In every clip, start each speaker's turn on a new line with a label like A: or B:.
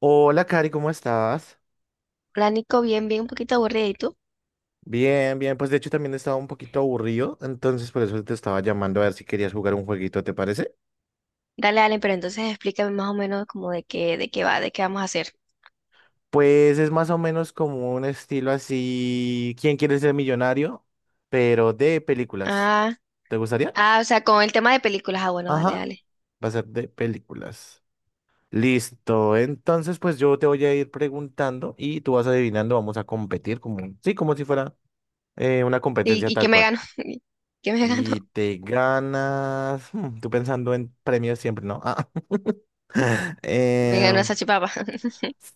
A: Hola, Cari, ¿cómo estás?
B: Plánico bien, bien, un poquito aburridito.
A: Bien, bien, pues de hecho también estaba un poquito aburrido, entonces por eso te estaba llamando a ver si querías jugar un jueguito, ¿te parece?
B: Dale, dale, pero entonces explícame más o menos como de qué va, de qué vamos a hacer.
A: Pues es más o menos como un estilo así, ¿quién quiere ser millonario? Pero de películas.
B: Ah,
A: ¿Te gustaría?
B: ah, o sea, con el tema de películas. Ah, bueno, dale,
A: Ajá,
B: dale.
A: va a ser de películas. Listo, entonces pues yo te voy a ir preguntando y tú vas adivinando, vamos a competir como, sí, como si fuera una
B: ¿Y,
A: competencia
B: y qué
A: tal
B: me
A: cual.
B: gano? ¿Qué me gano?
A: Y te ganas. Tú pensando en premios siempre, ¿no? Ah,
B: Me gano
A: eh,
B: esa chipapa.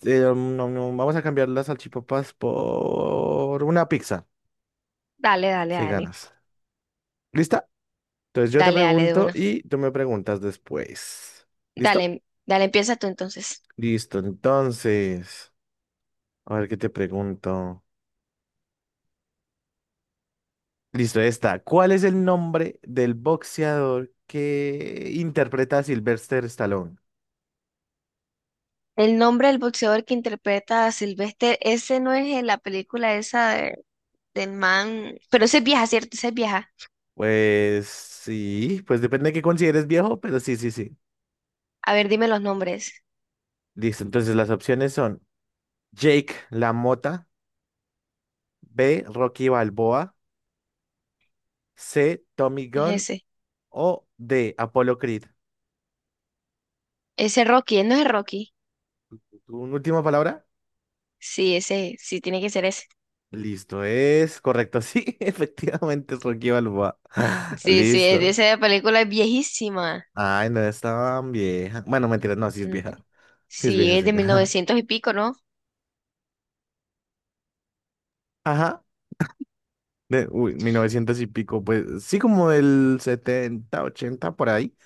A: no, no, vamos a cambiar las salchipapas por una pizza.
B: Dale, dale,
A: Si
B: dale.
A: ganas. ¿Lista? Entonces yo te
B: Dale, dale, de
A: pregunto
B: una.
A: y tú me preguntas después. ¿Listo?
B: Dale, dale, empieza tú entonces.
A: Listo. Entonces, a ver qué te pregunto. Listo, esta. ¿Cuál es el nombre del boxeador que interpreta a Sylvester Stallone?
B: El nombre del boxeador que interpreta a Sylvester, ese no es en la película esa del man. Pero ese es vieja, ¿cierto? Ese es vieja.
A: Pues sí, pues depende de qué consideres viejo, pero sí, sí, sí.
B: A ver, dime los nombres.
A: Listo, entonces las opciones son Jake La Mota, B. Rocky Balboa, C. Tommy
B: Es
A: Gunn
B: ese.
A: o D. Apollo Creed.
B: Ese Rocky, él no es Rocky.
A: ¿Tu última palabra?
B: Sí, ese, sí, tiene que ser ese.
A: Listo, es correcto. Sí, efectivamente es Rocky Balboa.
B: Sí, sí, es de
A: Listo.
B: esa película, es viejísima.
A: Ay, no es tan vieja. Bueno, mentira, no, sí es
B: Mm,
A: vieja. Sí es
B: Sí,
A: vieja,
B: es
A: sí es
B: de mil
A: vieja.
B: novecientos y pico, ¿no?
A: Ajá. De, uy, 1900 y pico, pues sí, como el 70, 80 por ahí.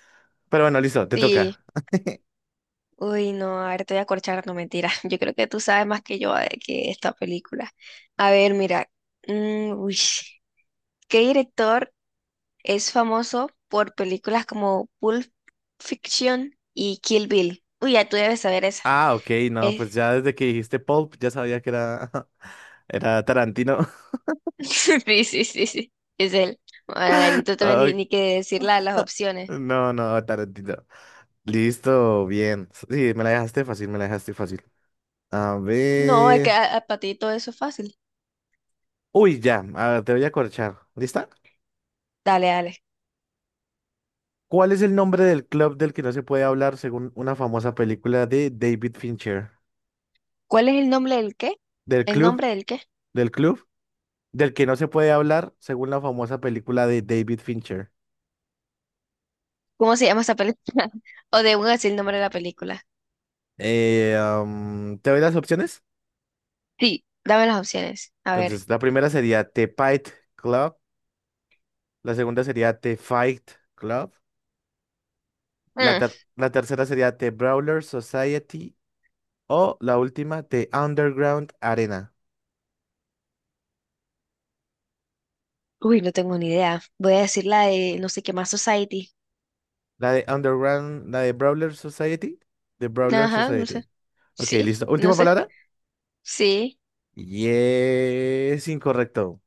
A: Pero bueno, listo, te
B: Sí.
A: toca.
B: Uy, no, a ver, te voy a corchar, no mentira. Yo creo que tú sabes más que yo de que esta película. A ver, mira. Uy, ¿qué director es famoso por películas como Pulp Fiction y Kill Bill? Uy, ya tú debes saber esa.
A: Ah, ok, no,
B: Es-
A: pues ya desde que dijiste Pulp ya sabía que era, era Tarantino.
B: Sí, sí, sí, sí. Es él. Ay, no te tengo ni,
A: Ay,
B: ni que decir las opciones.
A: no, no, Tarantino. Listo, bien. Sí, me la dejaste fácil, me la dejaste fácil. A
B: No, es que
A: ver.
B: para ti todo eso es fácil.
A: Uy, ya, a ver, te voy a corchar. ¿Lista?
B: Dale, dale.
A: ¿Cuál es el nombre del club del que no se puede hablar según una famosa película de David Fincher?
B: ¿Cuál es el nombre del qué?
A: Del
B: ¿El
A: club,
B: nombre del qué?
A: del club, del que no se puede hablar según la famosa película de David Fincher.
B: ¿Cómo se llama esa película? O de un así el nombre de la película.
A: ¿Te doy las opciones?
B: Sí, dame las opciones. A ver.
A: Entonces, la primera sería The Fight Club, la segunda sería The Fight Club,
B: Mm,
A: la tercera sería The Brawler Society o la última, The Underground Arena.
B: uy, no tengo ni idea. Voy a decir la de no sé qué más Society.
A: La de Underground, la de Brawler Society, The Brawler
B: Ajá, no sé.
A: Society. Ok,
B: Sí,
A: listo.
B: no
A: Última
B: sé.
A: palabra.
B: Sí.
A: Y es incorrecto.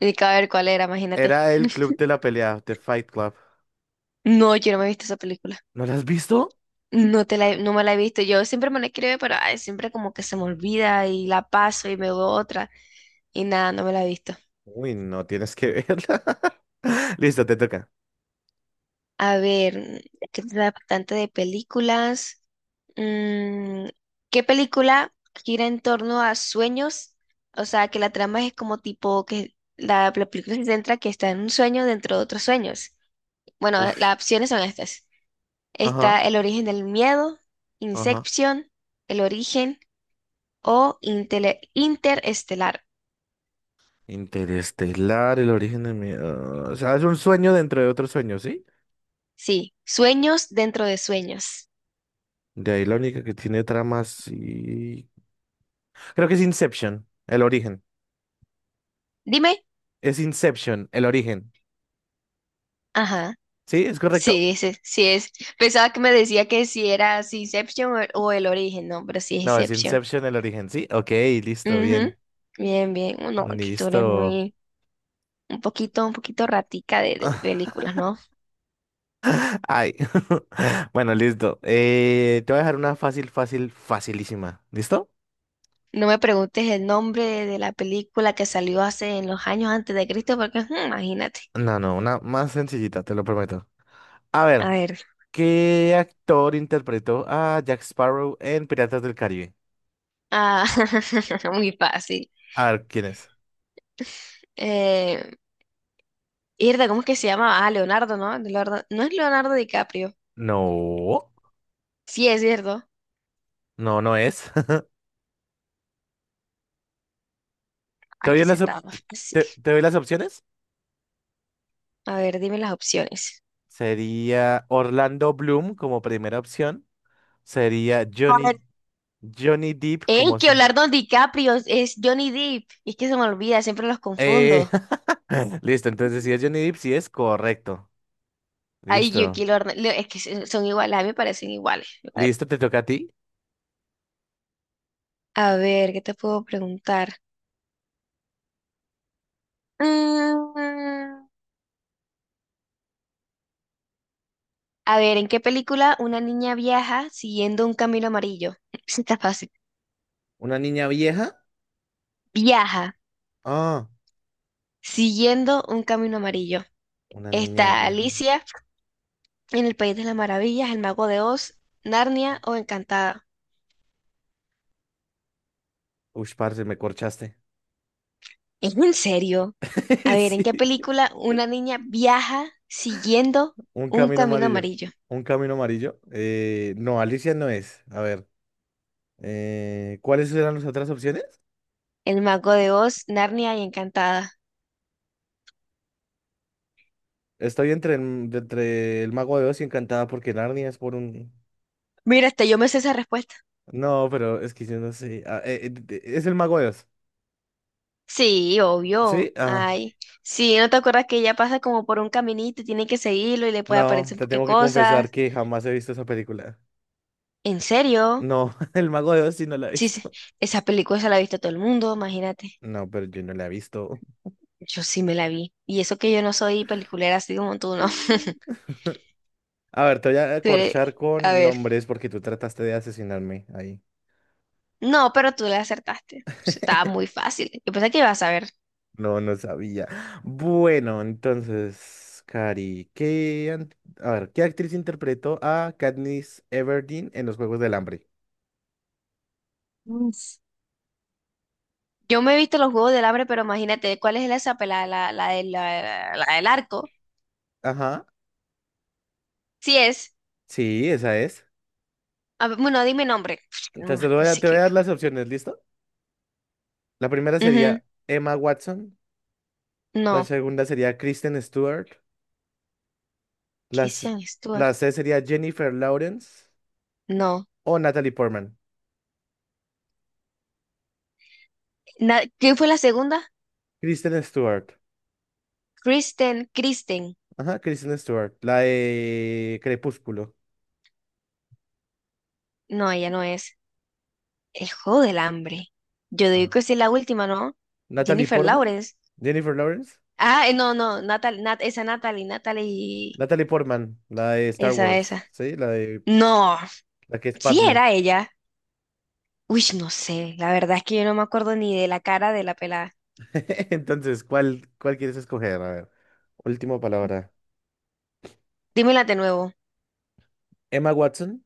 B: Ni que a ver cuál era, imagínate.
A: Era el club de la pelea, The Fight Club.
B: No, yo no me he visto esa película.
A: ¿No la has visto?
B: No te la, no me la he visto. Yo siempre me la escribo, pero ay, siempre como que se me olvida y la paso y me veo otra. Y nada, no me la he visto.
A: Uy, no tienes que verla. Listo, te toca.
B: A ver, que da tanto de películas. Mm, ¿qué película gira en torno a sueños? O sea, que la trama es como tipo que la película se centra que está en un sueño dentro de otros sueños. Bueno,
A: Uf.
B: las opciones son estas.
A: Ajá,
B: Está El origen del miedo,
A: ajá.
B: Inception, El origen o Interestelar.
A: Interestelar, el origen de mi... ah, o sea, es un sueño dentro de otro sueño, ¿sí?
B: Sí, sueños dentro de sueños.
A: De ahí la única que tiene tramas y... Creo que es Inception, el origen.
B: Dime.
A: Es Inception, el origen.
B: Ajá.
A: ¿Sí? ¿Es correcto?
B: Sí, ese, sí es. Pensaba que me decía que si era si Inception o el origen, no, pero sí es
A: No, es
B: Inception.
A: Inception, el origen, ¿sí? Ok, listo,
B: Ujú.
A: bien.
B: Bien, bien. No, que tú eres
A: Listo.
B: muy, un poquito ratica de películas, ¿no?
A: Ay. Bueno, listo. Te voy a dejar una fácil, fácil, facilísima. ¿Listo?
B: No me preguntes el nombre de la película que salió hace en los años antes de Cristo, porque imagínate.
A: No, no, una más sencillita, te lo prometo. A
B: A
A: ver.
B: ver.
A: ¿Qué actor interpretó a Jack Sparrow en Piratas del Caribe?
B: Ah, muy fácil.
A: A ver, ¿quién es?
B: Eh, Irda, ¿cómo es que se llama? Ah, Leonardo, ¿no? Leonardo, no, es Leonardo DiCaprio.
A: No,
B: Sí, es cierto.
A: no, no es. ¿Te doy
B: Aquí se
A: las, op-
B: estaba más fácil.
A: te, te doy las opciones?
B: A ver, dime las opciones.
A: Sería Orlando Bloom como primera opción. Sería
B: A ver,
A: Johnny, Johnny Depp
B: ey,
A: como...
B: que
A: se-
B: Leonardo DiCaprio es Johnny Depp, es que se me olvida, siempre los
A: Eh,
B: confundo.
A: listo, entonces si es Johnny Depp, sí es correcto.
B: Ay,
A: Listo.
B: Yuki, es que son iguales, a mí me parecen iguales. A ver,
A: Listo, te toca a ti.
B: a ver, ¿qué te puedo preguntar? Mm, a ver, ¿en qué película una niña viaja siguiendo un camino amarillo? Sí, está fácil.
A: ¿Una niña vieja?
B: Viaja
A: Ah,
B: siguiendo un camino amarillo.
A: una niña
B: Está
A: vieja.
B: Alicia en El País de las Maravillas, El Mago de Oz, Narnia o Encantada.
A: Uy, parce, me corchaste.
B: ¿Es en serio? A ver, ¿en qué
A: Sí.
B: película una niña viaja siguiendo
A: Un
B: un
A: camino
B: camino
A: amarillo.
B: amarillo?
A: Un camino amarillo. No, Alicia no es. A ver, ¿cuáles eran las otras opciones?
B: El Mago de Oz, Narnia y Encantada.
A: Estoy entre el Mago de Oz y Encantada porque Narnia es por un...
B: Mira, hasta yo me sé esa respuesta.
A: No, pero es que yo no sé. Es el Mago de Oz.
B: Sí, obvio.
A: ¿Sí? Ah,
B: Ay, sí, ¿no te acuerdas que ella pasa como por un caminito y tiene que seguirlo y le puede
A: no,
B: aparecer un
A: te
B: poquito de
A: tengo que confesar
B: cosas?
A: que jamás he visto esa película.
B: ¿En serio?
A: No, el Mago de Oz sí no la he
B: Sí, sí,
A: visto.
B: esa película se la ha visto todo el mundo, imagínate.
A: No, pero yo no la he visto.
B: Yo sí me la vi. Y eso que yo no soy peliculera así como tú, ¿no?
A: Mm. A ver, te voy a
B: Tú
A: corchar
B: eres- A
A: con
B: ver.
A: nombres porque tú trataste de asesinarme ahí.
B: No, pero tú la acertaste. Eso estaba muy fácil. Yo pensé que ibas a ver.
A: No, no sabía. Bueno, entonces, Cari, a ver, ¿qué actriz interpretó a Katniss Everdeen en los Juegos del Hambre?
B: Mm, yo me he visto los Juegos del Hambre, pero imagínate, ¿cuál es esa pelada? La del arco.
A: Ajá,
B: Sí es.
A: sí, esa es.
B: A ver, bueno, dime nombre. No,
A: Entonces
B: no sé
A: te voy
B: qué.
A: a dar las
B: Bueno.
A: opciones, ¿listo? La primera
B: Ujú,
A: sería Emma Watson, la
B: no.
A: segunda sería Kristen Stewart, la, s-
B: Christian Stewart.
A: la C sería Jennifer Lawrence
B: No.
A: o Natalie Portman.
B: ¿Quién fue la segunda?
A: Kristen Stewart,
B: Kristen. Kristen.
A: ajá, Kristen Stewart, la de Crepúsculo.
B: No, ella no es. El Juego del Hambre. Yo digo
A: Ah.
B: que sí es la última, ¿no?
A: Natalie
B: Jennifer
A: Portman,
B: Lawrence.
A: Jennifer Lawrence.
B: Ah, no, no. Esa Natalie. Natalie.
A: Natalie Portman, la de Star
B: Esa,
A: Wars,
B: esa.
A: ¿sí? La de
B: No.
A: la que es
B: Sí
A: Padme.
B: era ella. Uy, no sé, la verdad es que yo no me acuerdo ni de la cara de la pelada.
A: Entonces, ¿cuál quieres escoger? A ver, última palabra.
B: Dímela de nuevo.
A: Emma Watson,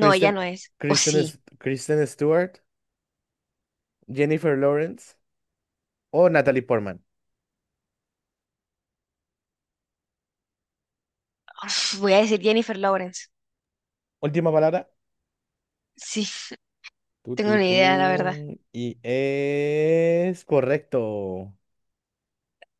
B: No, ella no es. O sí.
A: Kristen Stewart, Jennifer Lawrence o Natalie Portman.
B: Uf, voy a decir Jennifer Lawrence.
A: Última palabra.
B: Sí,
A: Tú,
B: tengo
A: tú,
B: ni idea, la verdad.
A: tú. Y es correcto.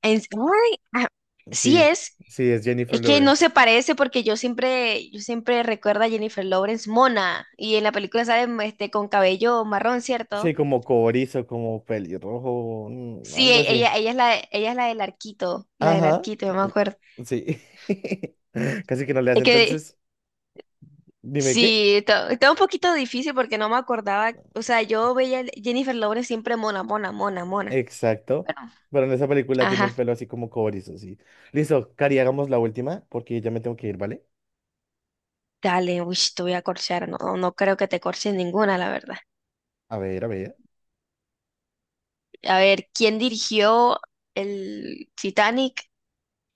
B: Ay, ah, sí
A: Sí,
B: es.
A: sí, es Jennifer
B: Es que no
A: Lawrence.
B: se parece porque yo siempre recuerdo a Jennifer Lawrence mona. Y en la película sale este, con cabello marrón,
A: Sí,
B: ¿cierto?
A: como cobrizo, como pelirrojo,
B: Sí,
A: algo así.
B: ella, ella es la del arquito, la del
A: Ajá.
B: arquito, yo me acuerdo.
A: Sí. Casi que no le hace.
B: Es que
A: Entonces, dime qué.
B: sí, está un poquito difícil porque no me acordaba, o sea, yo veía Jennifer Lawrence siempre mona, mona, mona, mona.
A: Exacto.
B: Bueno,
A: Pero en esa película tiene el
B: ajá,
A: pelo así como cobrizo, sí. Listo, Cari, hagamos la última porque ya me tengo que ir, ¿vale?
B: dale, uy, te voy a corchar, no, no creo que te corches ninguna, la verdad.
A: A ver, a ver.
B: A ver, ¿quién dirigió el Titanic,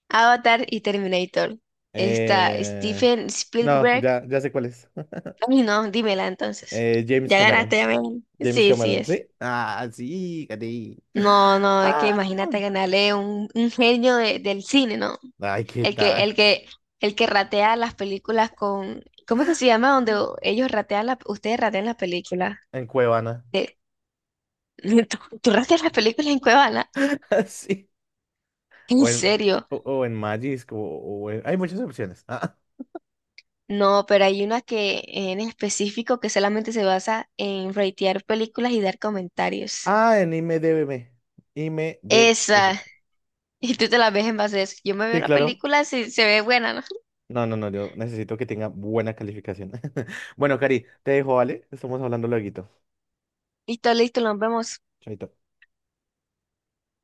B: Avatar y Terminator? Está
A: Eh...
B: Steven
A: No,
B: Spielberg.
A: ya sé cuál es.
B: Ay, no, dímela entonces.
A: James
B: Ya
A: Cameron.
B: ganaste, ya me gané.
A: James
B: Sí, sí
A: Cameron,
B: es.
A: ¿sí? Ah, sí, Cari.
B: No, no, es que
A: Ah.
B: imagínate ganarle un genio del cine, ¿no?
A: Ay, ¿qué
B: El que,
A: tal?
B: el que, el que ratea las películas con, ¿cómo es que se llama? Donde ellos ratean la, ustedes ratean las películas.
A: En Cuevana.
B: ¿Tú rateas las películas en Cuevana?
A: Sí.
B: ¿En
A: O en,
B: serio?
A: o en Magis, hay muchas opciones.
B: No, pero hay una que en específico que solamente se basa en ratear películas y dar comentarios.
A: Ah, en IMDb. IMDS.
B: Esa. Y tú te la ves en base a eso. Yo me veo
A: Sí,
B: la
A: claro.
B: película si se ve buena, ¿no?
A: No, no, no, yo necesito que tenga buena calificación. Bueno, Cari, te dejo, ¿vale? Estamos hablando lueguito.
B: Listo, listo, nos vemos.
A: Chaito.